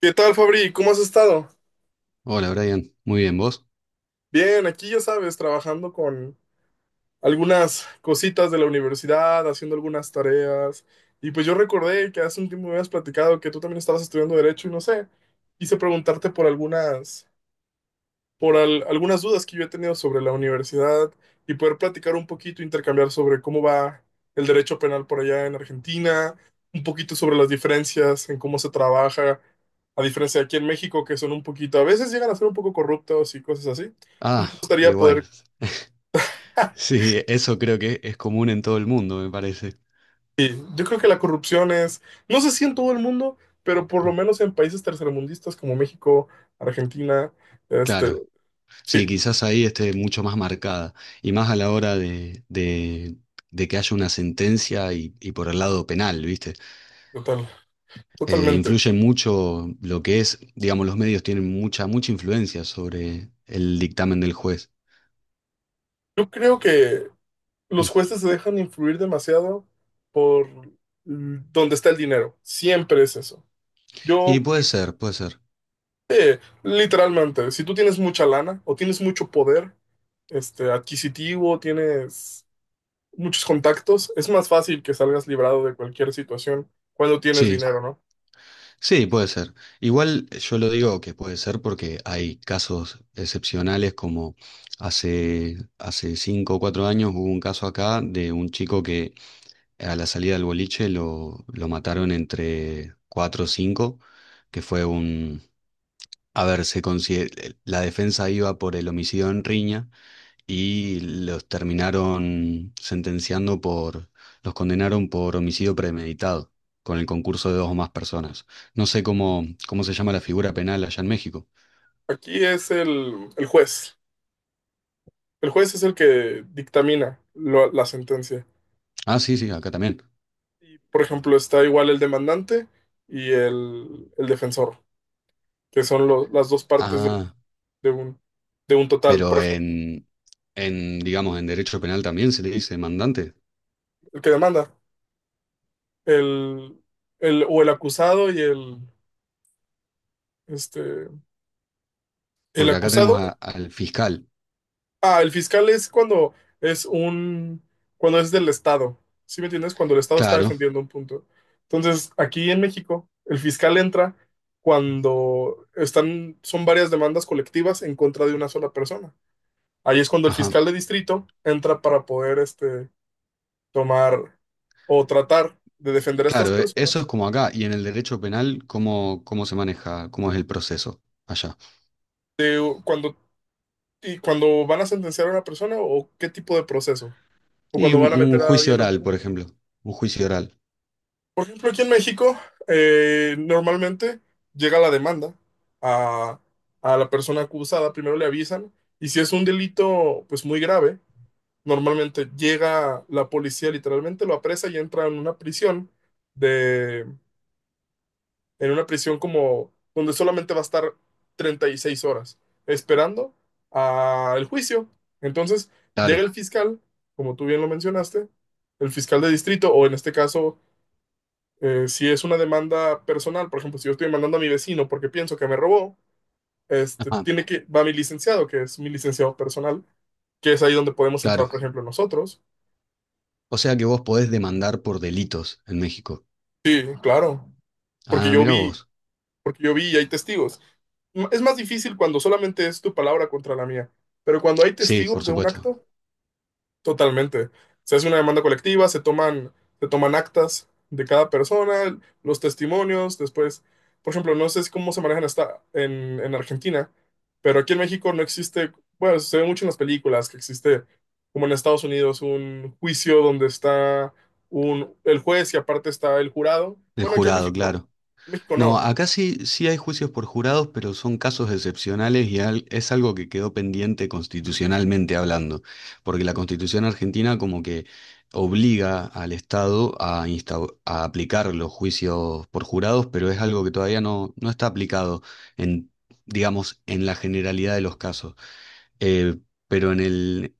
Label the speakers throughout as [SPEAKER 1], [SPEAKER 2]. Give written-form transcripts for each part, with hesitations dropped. [SPEAKER 1] ¿Qué tal, Fabri? ¿Cómo has estado?
[SPEAKER 2] Hola Brian, muy bien, ¿vos?
[SPEAKER 1] Bien, aquí ya sabes, trabajando con algunas cositas de la universidad, haciendo algunas tareas. Y pues yo recordé que hace un tiempo me habías platicado que tú también estabas estudiando Derecho y no sé, quise preguntarte por algunas dudas que yo he tenido sobre la universidad y poder platicar un poquito, intercambiar sobre cómo va el derecho penal por allá en Argentina, un poquito sobre las diferencias en cómo se trabaja, a diferencia de aquí en México, que son un poquito, a veces llegan a ser un poco corruptos y cosas así. Entonces
[SPEAKER 2] Ah,
[SPEAKER 1] me
[SPEAKER 2] y
[SPEAKER 1] gustaría
[SPEAKER 2] bueno,
[SPEAKER 1] poder... ah,
[SPEAKER 2] sí, eso creo que es común en todo el mundo, me parece.
[SPEAKER 1] Sí, yo creo que la corrupción es, no sé si en todo el mundo, pero por lo menos en países tercermundistas como México, Argentina, este,
[SPEAKER 2] Claro, sí,
[SPEAKER 1] sí,
[SPEAKER 2] quizás ahí esté mucho más marcada y más a la hora de que haya una sentencia y por el lado penal, ¿viste?
[SPEAKER 1] total, totalmente.
[SPEAKER 2] Influye mucho lo que es, digamos, los medios tienen mucha, mucha influencia sobre el dictamen del juez.
[SPEAKER 1] Yo creo que
[SPEAKER 2] Mm.
[SPEAKER 1] los jueces se dejan influir demasiado por dónde está el dinero. Siempre es eso.
[SPEAKER 2] Y
[SPEAKER 1] Yo,
[SPEAKER 2] puede ser, puede ser.
[SPEAKER 1] literalmente, si tú tienes mucha lana o tienes mucho poder adquisitivo, tienes muchos contactos, es más fácil que salgas librado de cualquier situación cuando tienes
[SPEAKER 2] Sí.
[SPEAKER 1] dinero, ¿no?
[SPEAKER 2] Sí, puede ser. Igual yo lo digo que puede ser porque hay casos excepcionales como hace 5 o 4 años hubo un caso acá de un chico que a la salida del boliche lo mataron entre cuatro o cinco, que fue un... A ver, la defensa iba por el homicidio en riña y los terminaron sentenciando por, los condenaron por homicidio premeditado, con el concurso de dos o más personas. No sé cómo se llama la figura penal allá en México.
[SPEAKER 1] Aquí es el juez. El juez es el que dictamina la sentencia.
[SPEAKER 2] Ah, sí, sí, acá también.
[SPEAKER 1] Y, por ejemplo, está igual el demandante y el defensor, que son las dos partes de
[SPEAKER 2] Ah,
[SPEAKER 1] un, de un total. Por
[SPEAKER 2] pero
[SPEAKER 1] ejemplo,
[SPEAKER 2] digamos, en derecho penal también se le dice mandante,
[SPEAKER 1] el que demanda, el, o el acusado y este, el
[SPEAKER 2] porque acá tenemos
[SPEAKER 1] acusado.
[SPEAKER 2] al fiscal.
[SPEAKER 1] Ah, el fiscal es cuando es un, cuando es del Estado. ¿Sí me entiendes? Cuando el Estado está
[SPEAKER 2] Claro,
[SPEAKER 1] defendiendo un punto. Entonces, aquí en México, el fiscal entra cuando están, son varias demandas colectivas en contra de una sola persona. Ahí es cuando el
[SPEAKER 2] ajá.
[SPEAKER 1] fiscal de distrito entra para poder, tomar o tratar de defender a estas
[SPEAKER 2] Claro, eso es
[SPEAKER 1] personas
[SPEAKER 2] como acá. Y en el derecho penal, ¿cómo, cómo se maneja? ¿Cómo es el proceso allá?
[SPEAKER 1] de cuando, y cuando van a sentenciar a una persona, ¿o qué tipo de proceso? ¿O
[SPEAKER 2] Y
[SPEAKER 1] cuando van a
[SPEAKER 2] un
[SPEAKER 1] meter a
[SPEAKER 2] juicio
[SPEAKER 1] alguien en
[SPEAKER 2] oral, por
[SPEAKER 1] penal?
[SPEAKER 2] ejemplo. Un juicio oral.
[SPEAKER 1] Por ejemplo, aquí en México, normalmente llega la demanda a, a la persona acusada, primero le avisan, y si es un delito pues muy grave, normalmente llega la policía literalmente, lo apresa y entra en de, una prisión como donde solamente va a estar 36 horas esperando al juicio. Entonces llega
[SPEAKER 2] Claro,
[SPEAKER 1] el fiscal, como tú bien lo mencionaste, el fiscal de distrito, o en este caso, si es una demanda personal, por ejemplo, si yo estoy demandando a mi vecino porque pienso que me robó,
[SPEAKER 2] ajá,
[SPEAKER 1] va mi licenciado, que es mi licenciado personal, que es ahí donde podemos entrar,
[SPEAKER 2] claro.
[SPEAKER 1] por ejemplo, nosotros.
[SPEAKER 2] O sea que vos podés demandar por delitos en México.
[SPEAKER 1] Sí, claro, porque
[SPEAKER 2] Ah,
[SPEAKER 1] yo
[SPEAKER 2] mira
[SPEAKER 1] vi,
[SPEAKER 2] vos.
[SPEAKER 1] porque yo vi y hay testigos. Es más difícil cuando solamente es tu palabra contra la mía, pero cuando hay
[SPEAKER 2] Sí, por
[SPEAKER 1] testigos de un
[SPEAKER 2] supuesto.
[SPEAKER 1] acto, totalmente. Se hace una demanda colectiva, se toman actas de cada persona, los testimonios, después, por ejemplo, no sé si cómo se manejan en Argentina, pero aquí en México no existe, bueno, se ve mucho en las películas que existe, como en Estados Unidos, un juicio donde está un, el juez y aparte está el jurado.
[SPEAKER 2] El
[SPEAKER 1] Bueno,
[SPEAKER 2] jurado, claro.
[SPEAKER 1] En México
[SPEAKER 2] No,
[SPEAKER 1] no.
[SPEAKER 2] acá sí, sí hay juicios por jurados, pero son casos excepcionales y es algo que quedó pendiente constitucionalmente hablando, porque la Constitución argentina como que obliga al Estado a aplicar los juicios por jurados, pero es algo que todavía no, no está aplicado en, digamos, en la generalidad de los casos. Eh, pero en el,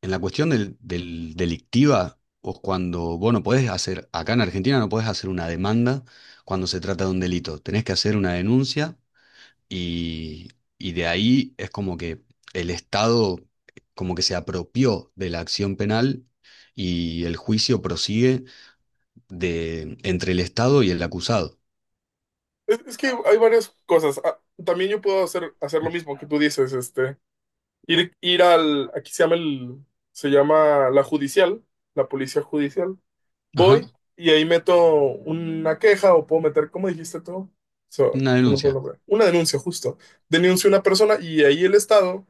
[SPEAKER 2] En la cuestión del delictiva, o cuando vos no podés hacer, acá en Argentina no podés hacer una demanda cuando se trata de un delito. Tenés que hacer una denuncia y, y de ahí es como que el Estado como que se apropió de la acción penal y el juicio prosigue de, entre el Estado y el acusado.
[SPEAKER 1] Es que hay varias cosas. Ah, también yo puedo hacer lo mismo que tú dices, aquí se llama la judicial, la policía judicial.
[SPEAKER 2] Ajá,
[SPEAKER 1] Voy y ahí meto una queja o puedo meter, ¿cómo dijiste tú? So,
[SPEAKER 2] una
[SPEAKER 1] se me fue el
[SPEAKER 2] denuncia.
[SPEAKER 1] nombre. Una denuncia, justo. Denuncio a una persona y ahí el Estado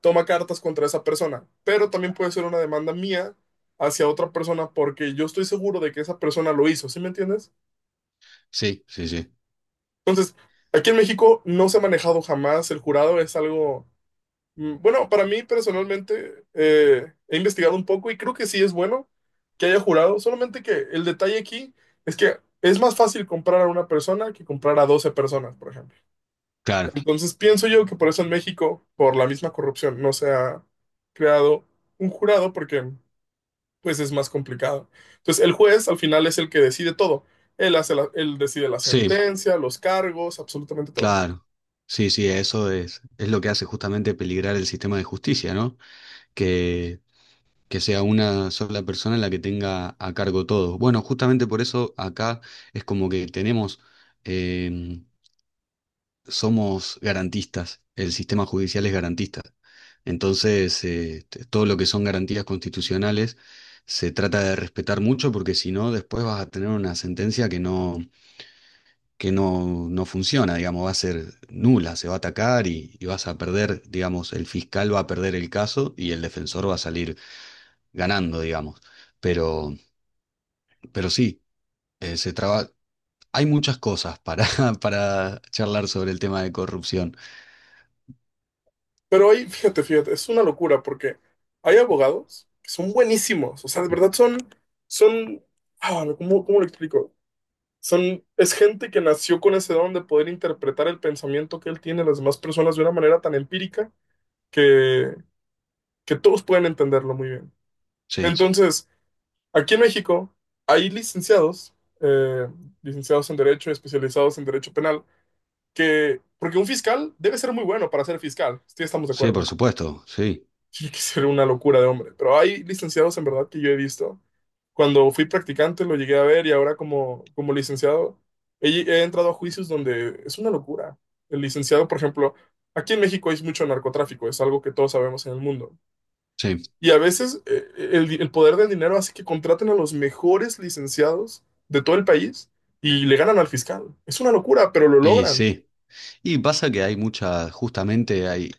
[SPEAKER 1] toma cartas contra esa persona, pero también puede ser una demanda mía hacia otra persona porque yo estoy seguro de que esa persona lo hizo, ¿sí me entiendes?
[SPEAKER 2] Sí, sí, sí.
[SPEAKER 1] Entonces, aquí en México no se ha manejado jamás el jurado, es algo, bueno, para mí personalmente he investigado un poco y creo que sí es bueno que haya jurado, solamente que el detalle aquí es que es más fácil comprar a una persona que comprar a 12 personas, por ejemplo.
[SPEAKER 2] Claro,
[SPEAKER 1] Entonces, pienso yo que por eso en México, por la misma corrupción, no se ha creado un jurado porque pues es más complicado. Entonces, el juez al final es el que decide todo. Él hace él decide la
[SPEAKER 2] sí,
[SPEAKER 1] sentencia, los cargos, absolutamente todo.
[SPEAKER 2] claro. Sí, sí, eso es lo que hace justamente peligrar el sistema de justicia, ¿no? que, que sea una sola persona la que tenga a cargo todo. Bueno, justamente por eso acá es como que tenemos, eh, somos garantistas, el sistema judicial es garantista. Entonces, todo lo que son garantías constitucionales se trata de respetar mucho porque si no, después vas a tener una sentencia que no funciona, digamos, va a ser nula, se va a atacar y vas a perder, digamos, el fiscal va a perder el caso y el defensor va a salir ganando, digamos. Pero, pero sí, eh, se traba... hay muchas cosas para, para charlar sobre el tema de corrupción.
[SPEAKER 1] Pero ahí, fíjate, fíjate, es una locura porque hay abogados que son buenísimos, o sea, de verdad son, son, cómo lo explico? Es gente que nació con ese don de poder interpretar el pensamiento que él tiene de las demás personas de una manera tan empírica que, que todos pueden entenderlo muy bien.
[SPEAKER 2] Sí,
[SPEAKER 1] Entonces, aquí en México hay eh, licenciados en Derecho, especializados en Derecho Penal, porque un fiscal debe ser muy bueno para ser fiscal, sí, estamos de
[SPEAKER 2] sí,
[SPEAKER 1] acuerdo.
[SPEAKER 2] por supuesto, sí,
[SPEAKER 1] Tiene que ser una locura de hombre. Pero hay licenciados en verdad que yo he visto. Cuando fui practicante lo llegué a ver y ahora como licenciado he entrado a juicios donde es una locura. El licenciado, por ejemplo, aquí en México hay mucho narcotráfico, es algo que todos sabemos en el mundo.
[SPEAKER 2] sí,
[SPEAKER 1] Y a veces el poder del dinero hace que contraten a los mejores licenciados de todo el país y le ganan al fiscal. Es una locura, pero lo
[SPEAKER 2] y
[SPEAKER 1] logran.
[SPEAKER 2] sí. Y pasa que hay mucha, justamente hay,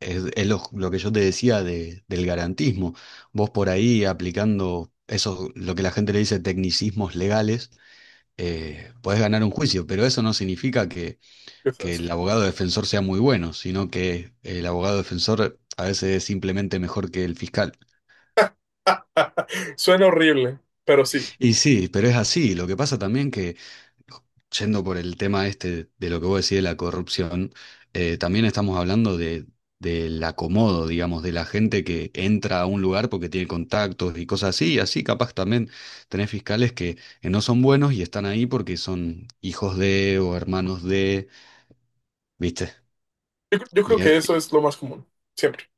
[SPEAKER 2] es lo que yo te decía del garantismo. Vos por ahí aplicando eso, lo que la gente le dice tecnicismos legales, podés ganar un juicio, pero eso no significa que
[SPEAKER 1] O sea,
[SPEAKER 2] el abogado defensor sea muy bueno, sino que el abogado defensor a veces es simplemente mejor que el fiscal.
[SPEAKER 1] suena horrible, pero sí.
[SPEAKER 2] Y sí, pero es así. Lo que pasa también que, yendo por el tema este de lo que vos decís de la corrupción, también estamos hablando del acomodo, digamos, de la gente que entra a un lugar porque tiene contactos y cosas así, y así capaz también tenés fiscales que no son buenos y están ahí porque son hijos de o hermanos de, ¿viste?
[SPEAKER 1] Yo creo
[SPEAKER 2] Y,
[SPEAKER 1] que
[SPEAKER 2] eh,
[SPEAKER 1] eso es lo más común, siempre.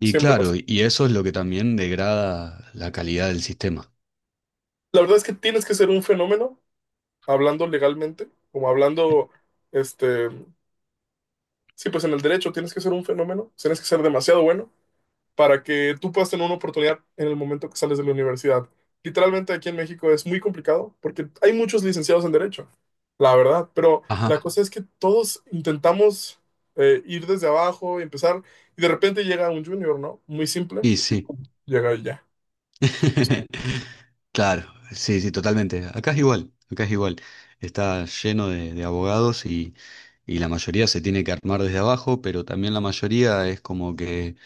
[SPEAKER 2] Y
[SPEAKER 1] Siempre pasa.
[SPEAKER 2] claro, y eso es lo que también degrada la calidad del sistema.
[SPEAKER 1] La verdad es que tienes que ser un fenómeno, hablando legalmente, como hablando, este, sí, pues en el derecho tienes que ser un fenómeno, tienes que ser demasiado bueno para que tú puedas tener una oportunidad en el momento que sales de la universidad. Literalmente aquí en México es muy complicado porque hay muchos licenciados en derecho, la verdad, pero
[SPEAKER 2] Ajá,
[SPEAKER 1] la cosa es que todos intentamos ir desde abajo y empezar y de repente llega un junior, ¿no? Muy simple,
[SPEAKER 2] y sí.
[SPEAKER 1] llega y ya.
[SPEAKER 2] Claro, sí, sí, totalmente. Acá es igual, acá es igual. Está lleno de abogados y la mayoría se tiene que armar desde abajo, pero también la mayoría es como que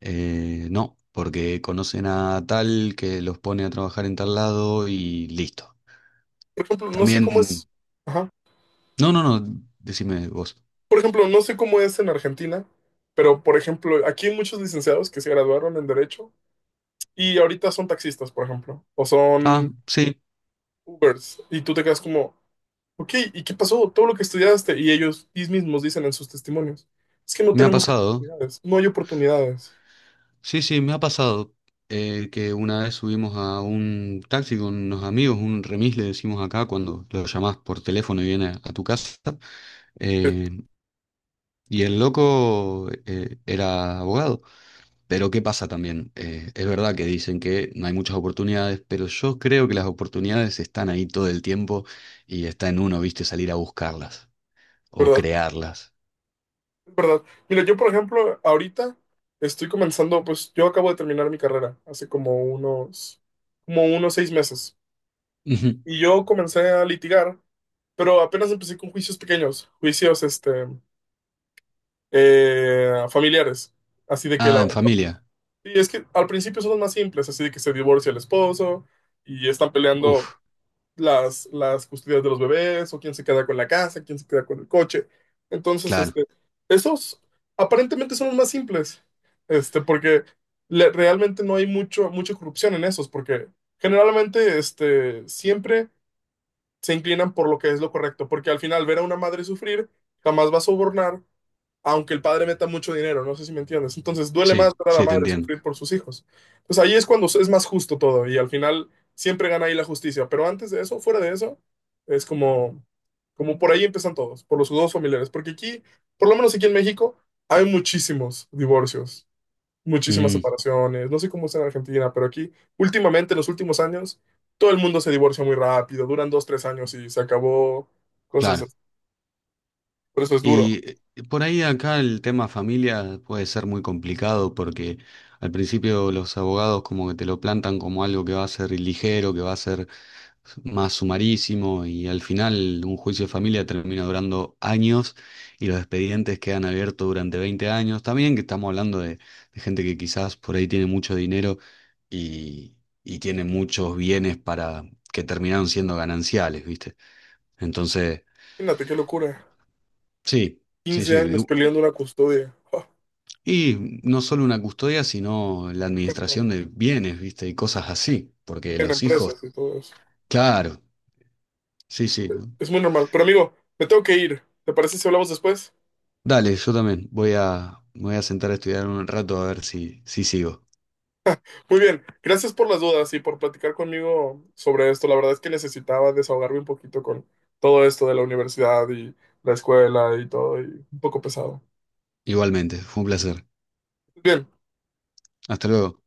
[SPEAKER 2] no, porque conocen a tal que los pone a trabajar en tal lado y listo.
[SPEAKER 1] Por ejemplo, no sé cómo
[SPEAKER 2] También,
[SPEAKER 1] es. Ajá.
[SPEAKER 2] no, no, no, decime vos.
[SPEAKER 1] Por ejemplo, no sé cómo es en Argentina, pero por ejemplo, aquí hay muchos licenciados que se graduaron en Derecho y ahorita son taxistas, por ejemplo, o son
[SPEAKER 2] Ah, sí,
[SPEAKER 1] Ubers, y tú te quedas como, ok, ¿y qué pasó? Todo lo que estudiaste, y ellos mismos dicen en sus testimonios, es que no
[SPEAKER 2] me ha
[SPEAKER 1] tenemos
[SPEAKER 2] pasado.
[SPEAKER 1] oportunidades, no hay oportunidades,
[SPEAKER 2] Sí, sí, me ha pasado que una vez subimos a un taxi con unos amigos, un remis le decimos acá cuando lo llamás por teléfono y viene a tu casa,
[SPEAKER 1] Es
[SPEAKER 2] eh, y el loco era abogado. Pero ¿qué pasa también? Es verdad que dicen que no hay muchas oportunidades, pero yo creo que las oportunidades están ahí todo el tiempo y está en uno, viste, salir a buscarlas o
[SPEAKER 1] ¿verdad?
[SPEAKER 2] crearlas.
[SPEAKER 1] Es verdad. Mira, yo por ejemplo, ahorita estoy comenzando, pues yo acabo de terminar mi carrera hace como unos 6 meses,
[SPEAKER 2] Ujú.
[SPEAKER 1] y yo comencé a litigar. Pero apenas empecé con juicios pequeños, familiares. Así de que
[SPEAKER 2] Ah,
[SPEAKER 1] la...
[SPEAKER 2] en familia.
[SPEAKER 1] Y es que al principio son los más simples, así de que se divorcia el esposo y están peleando
[SPEAKER 2] Uf,
[SPEAKER 1] las custodias de los bebés o quién se queda con la casa, quién se queda con el coche. Entonces,
[SPEAKER 2] claro,
[SPEAKER 1] esos aparentemente son los más simples, porque realmente no hay mucha corrupción en esos, porque generalmente, siempre se inclinan por lo que es lo correcto, porque al final ver a una madre sufrir jamás va a sobornar, aunque el padre meta mucho dinero, no sé si me entiendes. Entonces duele más
[SPEAKER 2] sí,
[SPEAKER 1] ver a la
[SPEAKER 2] sí, te
[SPEAKER 1] madre
[SPEAKER 2] entiendo.
[SPEAKER 1] sufrir por sus hijos. Pues ahí es cuando es más justo todo y al final siempre gana ahí la justicia, pero antes de eso, fuera de eso, es como, como por ahí empiezan todos, por los dos familiares, porque por lo menos aquí en México, hay muchísimos divorcios, muchísimas
[SPEAKER 2] Mm,
[SPEAKER 1] separaciones, no sé cómo es en Argentina, pero aquí últimamente, en los últimos años, todo el mundo se divorcia muy rápido, duran dos, tres años y se acabó, cosas
[SPEAKER 2] claro.
[SPEAKER 1] así. Por eso es duro.
[SPEAKER 2] Y por ahí acá el tema familia puede ser muy complicado porque al principio los abogados como que te lo plantan como algo que va a ser ligero, que va a ser más sumarísimo y al final un juicio de familia termina durando años y los expedientes quedan abiertos durante 20 años. También que estamos hablando de gente que quizás por ahí tiene mucho dinero y, y tiene muchos bienes para que terminaron siendo gananciales, ¿viste? Entonces,
[SPEAKER 1] Imagínate qué locura.
[SPEAKER 2] sí. Sí,
[SPEAKER 1] 15 años
[SPEAKER 2] sí.
[SPEAKER 1] peleando una custodia. Ah,
[SPEAKER 2] Y no solo una custodia, sino la
[SPEAKER 1] perdón.
[SPEAKER 2] administración de bienes, ¿viste? Y cosas así, porque
[SPEAKER 1] En
[SPEAKER 2] los hijos,
[SPEAKER 1] empresas y todo eso.
[SPEAKER 2] claro, sí, sí, ¿no?
[SPEAKER 1] Es muy normal. Pero amigo, me tengo que ir. ¿Te parece si hablamos después?
[SPEAKER 2] Dale, yo también me voy a sentar a estudiar un rato a ver si, si sigo.
[SPEAKER 1] Muy bien, gracias por las dudas y por platicar conmigo sobre esto. La verdad es que necesitaba desahogarme un poquito con todo esto de la universidad y la escuela y todo, y un poco pesado.
[SPEAKER 2] Igualmente, fue un placer.
[SPEAKER 1] Bien.
[SPEAKER 2] Hasta luego.